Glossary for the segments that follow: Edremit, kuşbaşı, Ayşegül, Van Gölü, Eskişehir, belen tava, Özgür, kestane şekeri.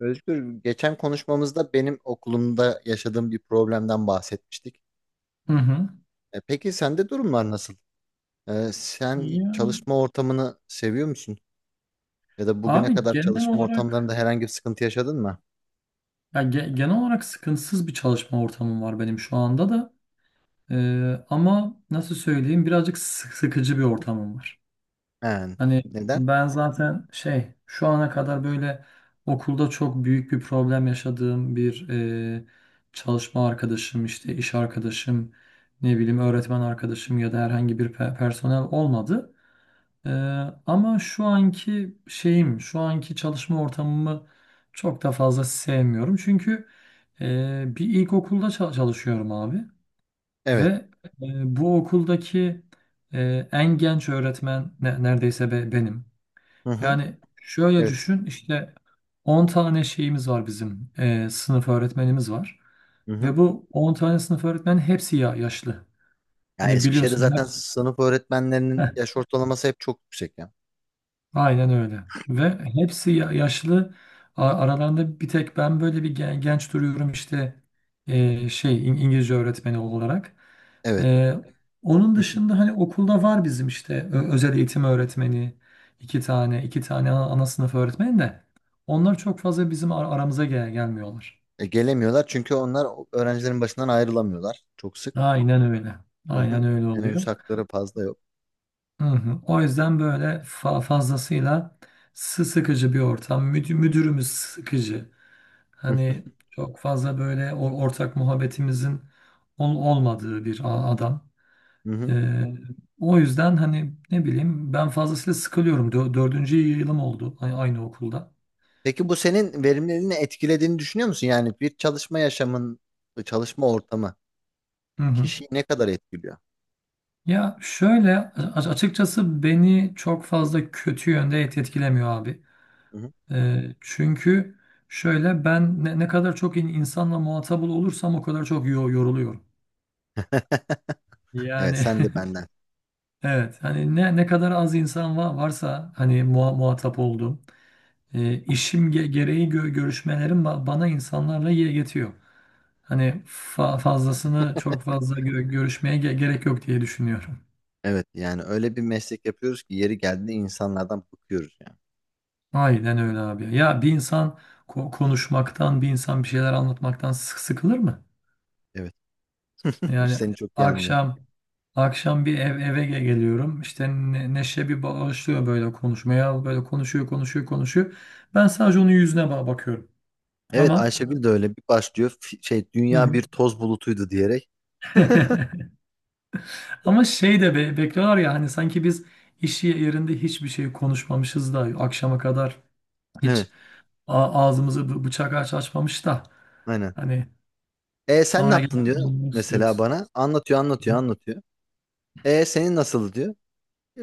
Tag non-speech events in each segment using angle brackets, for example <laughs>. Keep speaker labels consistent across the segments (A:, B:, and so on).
A: Özgür, geçen konuşmamızda benim okulumda yaşadığım bir problemden bahsetmiştik.
B: Hı hı.
A: Peki sende durumlar nasıl? Sen
B: Yani.
A: çalışma ortamını seviyor musun? Ya da bugüne
B: Abi
A: kadar çalışma ortamlarında herhangi bir sıkıntı yaşadın mı?
B: genel olarak sıkıntısız bir çalışma ortamım var benim şu anda da. Ama nasıl söyleyeyim birazcık sıkıcı bir ortamım var.
A: Yani,
B: Hani
A: neden?
B: ben zaten şey şu ana kadar böyle okulda çok büyük bir problem yaşadığım çalışma arkadaşım işte iş arkadaşım ne bileyim öğretmen arkadaşım ya da herhangi bir personel olmadı. Ee, ama şu anki çalışma ortamımı çok da fazla sevmiyorum. Çünkü bir ilkokulda çalışıyorum abi ve
A: Evet.
B: bu okuldaki en genç öğretmen neredeyse benim.
A: Hı hı.
B: Yani şöyle
A: Evet.
B: düşün işte 10 tane şeyimiz var bizim, sınıf öğretmenimiz var.
A: Hı hı.
B: Ve bu 10 tane sınıf öğretmenin hepsi ya yaşlı.
A: Ya
B: Hani
A: Eskişehir'de
B: biliyorsun hep
A: zaten sınıf öğretmenlerinin
B: <laughs>
A: yaş ortalaması hep çok yüksek ya.
B: aynen öyle. Ve hepsi yaşlı. Aralarında bir tek ben böyle bir genç duruyorum işte, İngilizce öğretmeni olarak.
A: Evet.
B: E, onun
A: Hı hı.
B: dışında hani okulda var bizim işte özel eğitim öğretmeni, iki tane ana sınıf öğretmeni de onlar çok fazla bizim aramıza gelmiyorlar.
A: Gelemiyorlar çünkü onlar öğrencilerin başından ayrılamıyorlar çok sık.
B: Aynen öyle.
A: Hı
B: Aynen
A: hı.
B: öyle
A: Teneffüs
B: oluyor.
A: hakları fazla yok.
B: Hı hı. O yüzden böyle fazlasıyla sıkıcı bir ortam. Müdürümüz sıkıcı. Hani çok fazla böyle ortak muhabbetimizin olmadığı bir adam.
A: Hı hı.
B: Ee, o yüzden hani ne bileyim ben fazlasıyla sıkılıyorum. Dördüncü yılım oldu aynı okulda.
A: Peki bu senin verimliliğini etkilediğini düşünüyor musun? Yani bir çalışma yaşamın, çalışma ortamı
B: Hı hı.
A: kişiyi ne kadar etkiliyor?
B: Ya şöyle açıkçası beni çok fazla kötü yönde etkilemiyor abi.
A: Hı hı.
B: Çünkü şöyle ben, ne kadar çok insanla muhatap olursam o kadar çok yoruluyorum.
A: <laughs> Evet,
B: Yani.
A: sen de
B: <laughs>
A: benden.
B: Evet, hani ne kadar az insan varsa hani muhatap olduğum. İşim gereği görüşmelerim bana insanlarla yetiyor. Hani fazlasını çok fazla görüşmeye gerek yok diye düşünüyorum.
A: Evet, yani öyle bir meslek yapıyoruz ki yeri geldiğinde insanlardan bıkıyoruz yani.
B: Aynen öyle abi. Ya bir insan konuşmaktan, bir insan bir şeyler anlatmaktan sıkılır mı?
A: Evet, <laughs>
B: Yani
A: seni çok iyi anlıyorum.
B: akşam akşam bir eve geliyorum. İşte Neşe bir başlıyor böyle konuşmaya. Böyle konuşuyor, konuşuyor, konuşuyor. Ben sadece onun yüzüne bakıyorum.
A: Evet,
B: Ama.
A: Ayşegül de öyle bir başlıyor.
B: Hı
A: Dünya
B: hı.
A: bir toz bulutuydu diyerek. <laughs>
B: <laughs> Ama şey de bekliyorlar ya, hani sanki biz iş yerinde hiçbir şey konuşmamışız da akşama kadar
A: Evet,
B: hiç ağzımızı bıçak açmamış da
A: aynen.
B: hani
A: E sen ne
B: sonra
A: yaptın
B: gelip
A: diyor
B: anlamak
A: mesela
B: istiyoruz.
A: bana. Anlatıyor, anlatıyor, anlatıyor. E senin nasıl diyor.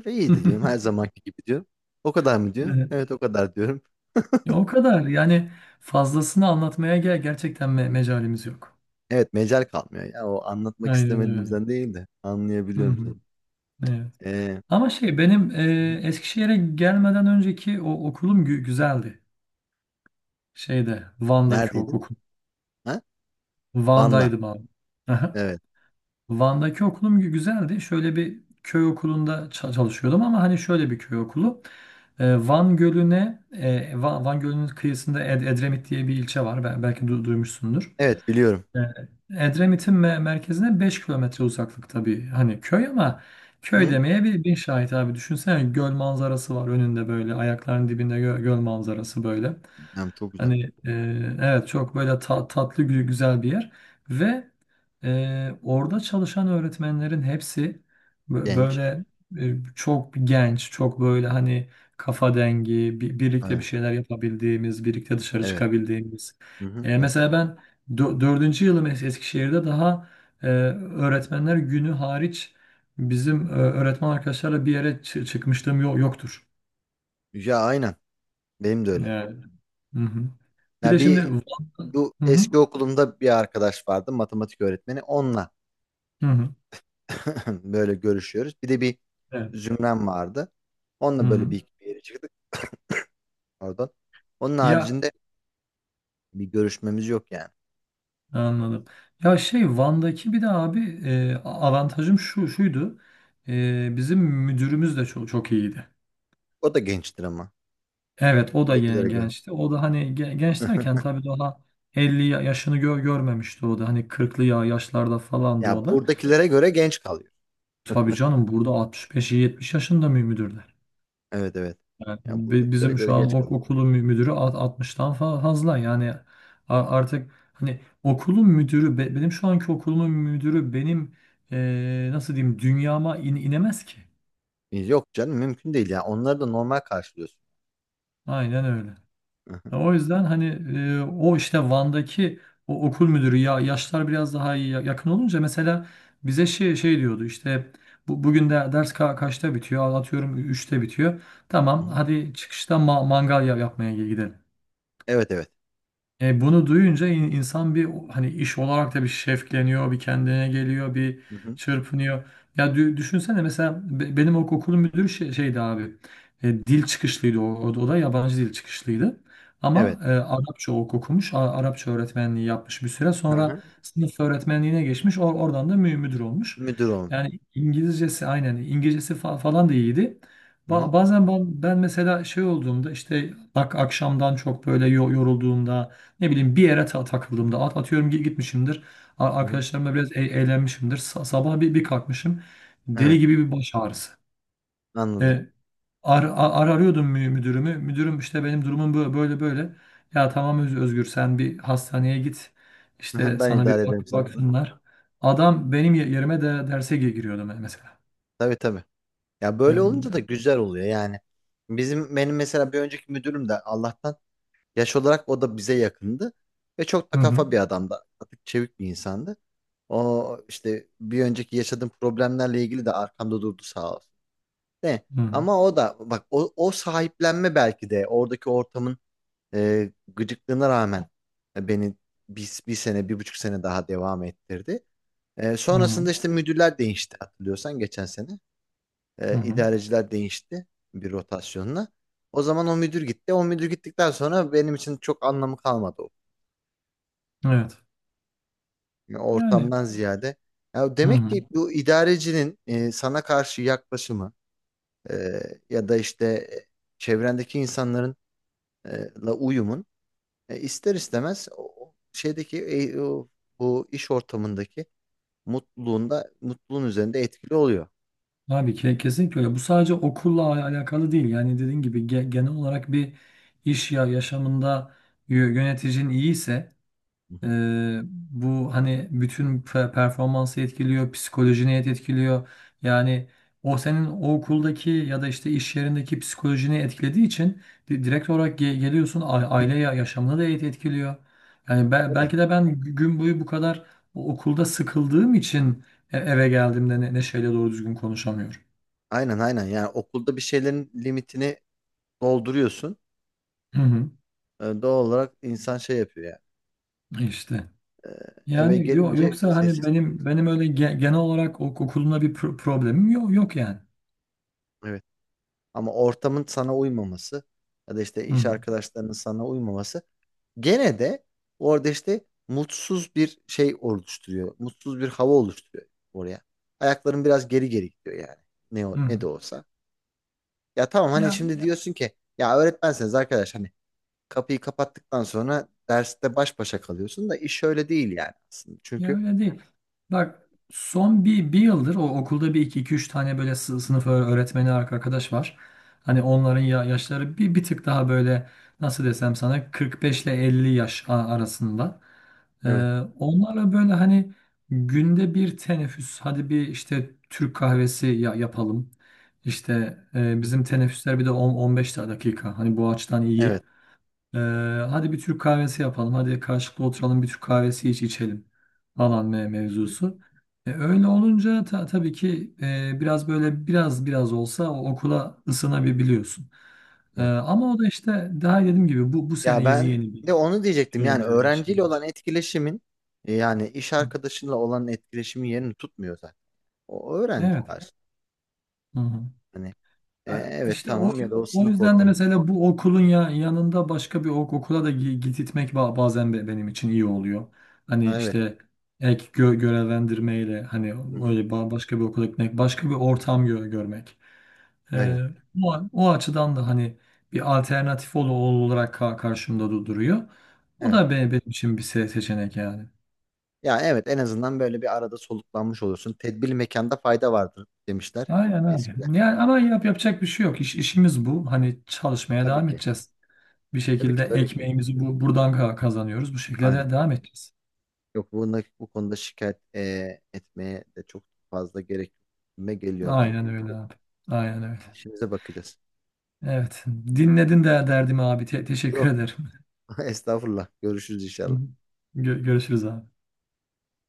A: İyiydi diyorum her
B: <laughs>
A: zamanki gibi diyor. O kadar mı diyor?
B: Evet.
A: Evet o kadar diyorum.
B: Ya o kadar yani, fazlasını anlatmaya gerçekten mecalimiz yok.
A: Evet mecal kalmıyor. Ya o anlatmak
B: Aynen öyle.
A: istemediğimizden değil de
B: Hı
A: anlayabiliyorum seni.
B: hı. Evet.
A: Ee,
B: Ama benim,
A: hı hı.
B: Eskişehir'e gelmeden önceki o okulum güzeldi. Şeyde, Van'daki o
A: Neredeydin?
B: okul.
A: Ha? Van'da.
B: Van'daydım abi. <laughs>
A: Evet.
B: Van'daki okulum güzeldi. Şöyle bir köy okulunda çalışıyordum, ama hani şöyle bir köy okulu. Van Gölü'ne, Van Gölü'nün kıyısında Edremit diye bir ilçe var. Belki duymuşsundur.
A: Evet biliyorum.
B: Ee, Edremit'in merkezine 5 kilometre uzaklıkta bir hani köy, ama köy
A: Hı?
B: demeye bir bin şahit abi. Düşünsene, göl manzarası var önünde, böyle ayaklarının dibinde göl manzarası böyle.
A: Yani çok güzel.
B: Hani, evet çok böyle tatlı güzel bir yer. Ve orada çalışan öğretmenlerin hepsi
A: Genç.
B: böyle, çok genç, çok böyle hani kafa dengi, birlikte bir
A: Ha,
B: şeyler yapabildiğimiz, birlikte dışarı
A: evet.
B: çıkabildiğimiz.
A: Hı hı, hı hı.
B: Mesela ben dördüncü yılım Eskişehir'de, daha öğretmenler günü hariç bizim, öğretmen arkadaşlarla bir yere çıkmışlığım yoktur.
A: Ya aynen. Benim de öyle.
B: Yani. Hı hı. Bir de
A: Ya
B: şimdi
A: bir,
B: Van-.
A: bu
B: Hı hı.
A: eski okulumda bir arkadaş vardı matematik öğretmeni. Onunla
B: Hı hı.
A: <laughs> böyle görüşüyoruz. Bir de bir
B: Evet.
A: zümrem vardı.
B: Hı
A: Onunla böyle bir,
B: hı.
A: iki bir yere çıktık oradan. Onun
B: Ya,
A: haricinde bir görüşmemiz yok yani.
B: anladım. Ya, Van'daki bir de abi avantajım şuydu. Bizim müdürümüz de çok çok iyiydi.
A: O da gençtir ama.
B: Evet, o da
A: Buradakilere göre.
B: gençti. O da hani genç derken
A: <laughs>
B: tabii daha 50 yaşını görmemişti o da. Hani 40'lı yaşlarda falandı
A: Ya
B: o da.
A: buradakilere göre genç kalıyor.
B: Tabii canım, burada 65-70 yaşında mı müdür?
A: Evet evet.
B: Yani
A: Ya buradakilere
B: bizim
A: göre
B: şu an
A: geç kalıyor.
B: okulun müdürü 60'tan fazla yani, artık hani okulun müdürü benim, şu anki okulumun müdürü benim nasıl diyeyim dünyama inemez ki.
A: Yok canım mümkün değil ya. Onları da normal karşılıyorsun.
B: Aynen öyle.
A: Hı hı,
B: Ya, o yüzden hani o işte Van'daki o okul müdürü, ya yaşlar biraz daha iyi, yakın olunca mesela, bize şey diyordu işte bugün de ders kaçta bitiyor, atıyorum 3'te bitiyor.
A: hı
B: Tamam,
A: hı.
B: hadi çıkışta mangal yapmaya gidelim.
A: Evet evet.
B: Bunu duyunca insan bir hani iş olarak da bir şevkleniyor, bir kendine geliyor, bir
A: Hı hı.
B: çırpınıyor. Ya düşünsene mesela benim okulun müdürü şeydi abi. Dil çıkışlıydı, o da yabancı dil çıkışlıydı.
A: Evet.
B: Ama Arapça okumuş, Arapça öğretmenliği yapmış, bir süre
A: Hı
B: sonra
A: hı.
B: sınıf öğretmenliğine geçmiş. Oradan da müdür olmuş.
A: Müdür olmuş.
B: Yani İngilizcesi, aynen İngilizcesi falan da iyiydi.
A: Hı hı,
B: Bazen ben mesela şey olduğumda, işte bak, akşamdan çok böyle yorulduğumda, ne bileyim bir yere takıldığımda, atıyorum gitmişimdir.
A: hı hı.
B: Arkadaşlarımla biraz eğlenmişimdir. Sabah bir kalkmışım.
A: Evet,
B: Deli gibi bir baş ağrısı.
A: anladım.
B: E, arıyordum müdürümü. Müdürüm, işte benim durumum böyle böyle. Ya tamam, Özgür, sen bir hastaneye git.
A: Hı
B: İşte
A: hı, ben
B: sana bir
A: idare ederim sınıfını.
B: baksınlar. Adam benim yerime de derse giriyordu mesela.
A: Tabii tabii. Ya böyle
B: Hı
A: olunca da güzel oluyor yani. Benim mesela bir önceki müdürüm de Allah'tan yaş olarak o da bize yakındı. Ve çok da
B: hı,
A: kafa bir adamdı. Atık çevik bir insandı. O işte bir önceki yaşadığım problemlerle ilgili de arkamda durdu sağ olsun. Ne?
B: hı hı,
A: Ama o da bak o sahiplenme belki de oradaki ortamın gıcıklığına rağmen beni bir sene, bir buçuk sene daha devam ettirdi.
B: hı hı,
A: Sonrasında işte müdürler değişti hatırlıyorsan geçen sene.
B: hı hı.
A: İdareciler değişti bir rotasyonla. O zaman o müdür gitti. O müdür gittikten sonra benim için çok anlamı kalmadı,
B: Evet.
A: yani
B: Yani,
A: ortamdan ziyade. Ya
B: hı
A: demek
B: hı.
A: ki bu idarecinin sana karşı yaklaşımı, e, ya da işte çevrendeki insanların la uyumun, ister istemez o şeydeki bu iş ortamındaki mutluluğun üzerinde etkili oluyor.
B: Abi kesinlikle öyle. Bu sadece okulla alakalı değil. Yani dediğin gibi genel olarak bir iş yaşamında yöneticin iyiyse,
A: Hı
B: e,
A: hı.
B: bu hani bütün performansı etkiliyor, psikolojini etkiliyor. Yani o senin o okuldaki ya da işte iş yerindeki psikolojini etkilediği için direkt olarak geliyorsun, aile yaşamını da etkiliyor. Yani
A: Tabii.
B: belki de ben gün boyu bu kadar okulda sıkıldığım için eve geldiğimde neşeyle doğru düzgün konuşamıyorum.
A: Aynen aynen, yani okulda bir şeylerin limitini dolduruyorsun.
B: Hı hı,
A: Doğal olarak insan şey yapıyor yani.
B: işte.
A: Eve
B: Yani
A: gelince
B: yoksa hani
A: sessiz.
B: benim öyle genel olarak okulumla bir problemim yok yok yani.
A: Ama ortamın sana uymaması ya da işte
B: Hı
A: iş
B: hı,
A: arkadaşlarının sana uymaması gene de orada işte mutsuz bir şey oluşturuyor. Mutsuz bir hava oluşturuyor oraya. Ayakların biraz geri geri gidiyor yani.
B: hı hı.
A: Ne de olsa. Ya tamam hani
B: Ya
A: şimdi diyorsun ki ya öğretmenseniz arkadaş hani kapıyı kapattıktan sonra derste baş başa kalıyorsun da iş öyle değil yani aslında.
B: Ya,
A: Çünkü
B: öyle değil. Bak son bir yıldır o okulda bir iki, iki üç tane böyle sınıf öğretmeni arkadaş var.
A: hı
B: Hani
A: hı.
B: onların yaşları bir tık daha böyle, nasıl desem sana, 45 ile 50 yaş arasında. Ee,
A: Evet.
B: onlarla böyle hani günde bir teneffüs, hadi bir işte Türk kahvesi yapalım. İşte,
A: Hı hı.
B: bizim teneffüsler bir de 10-15 dakika. Hani bu açıdan iyi.
A: Evet.
B: ee, Hadi bir Türk kahvesi yapalım. Hadi karşılıklı oturalım, bir Türk kahvesi içelim falan
A: Hı hı.
B: mevzusu. Öyle olunca tabii ki biraz böyle biraz olsa o okula ısınabiliyorsun.
A: Evet.
B: Ama o da işte, daha dediğim gibi bu bu
A: Ya
B: sene yeni
A: ben
B: yeni bir
A: de onu diyecektim.
B: şey
A: Yani
B: olmaya başladı.
A: öğrenciyle olan etkileşimin, yani iş arkadaşınla olan etkileşimin yerini tutmuyor zaten. O öğrenci
B: Evet.
A: karşı.
B: Hı hı.
A: Hani
B: Ya,
A: evet
B: İşte
A: tamam ya da o
B: o
A: sınıf
B: yüzden de
A: ortamı.
B: mesela bu okulun yanında başka bir okula da gitmek bazen benim için iyi oluyor. Hani
A: Ha, evet.
B: işte ek görevlendirmeyle, hani
A: Hı-hı.
B: böyle başka bir okula gitmek, başka bir ortam görmek. Ee,
A: Aynen.
B: o açıdan da hani bir alternatif olarak karşımda duruyor. O
A: Evet.
B: da benim için bir seçenek yani.
A: Ya evet, en azından böyle bir arada soluklanmış olursun. Tedbirli mekanda fayda vardır demişler
B: Aynen abi.
A: eskiler.
B: Yani ama yapacak bir şey yok. İşimiz bu. Hani çalışmaya
A: Tabii
B: devam
A: ki.
B: edeceğiz. Bir
A: Tabii ki
B: şekilde
A: tabii ki.
B: ekmeğimizi buradan kazanıyoruz. Bu şekilde
A: Aynen.
B: de devam edeceğiz.
A: Yok bunda, bu konuda şikayet etmeye de çok fazla gerek geliyor bana.
B: Aynen öyle abi. Aynen öyle.
A: İşimize bakacağız.
B: Evet. Dinledin de derdimi abi. Teşekkür
A: Yok
B: ederim.
A: <laughs> estağfurullah. Görüşürüz inşallah.
B: <laughs> Görüşürüz abi.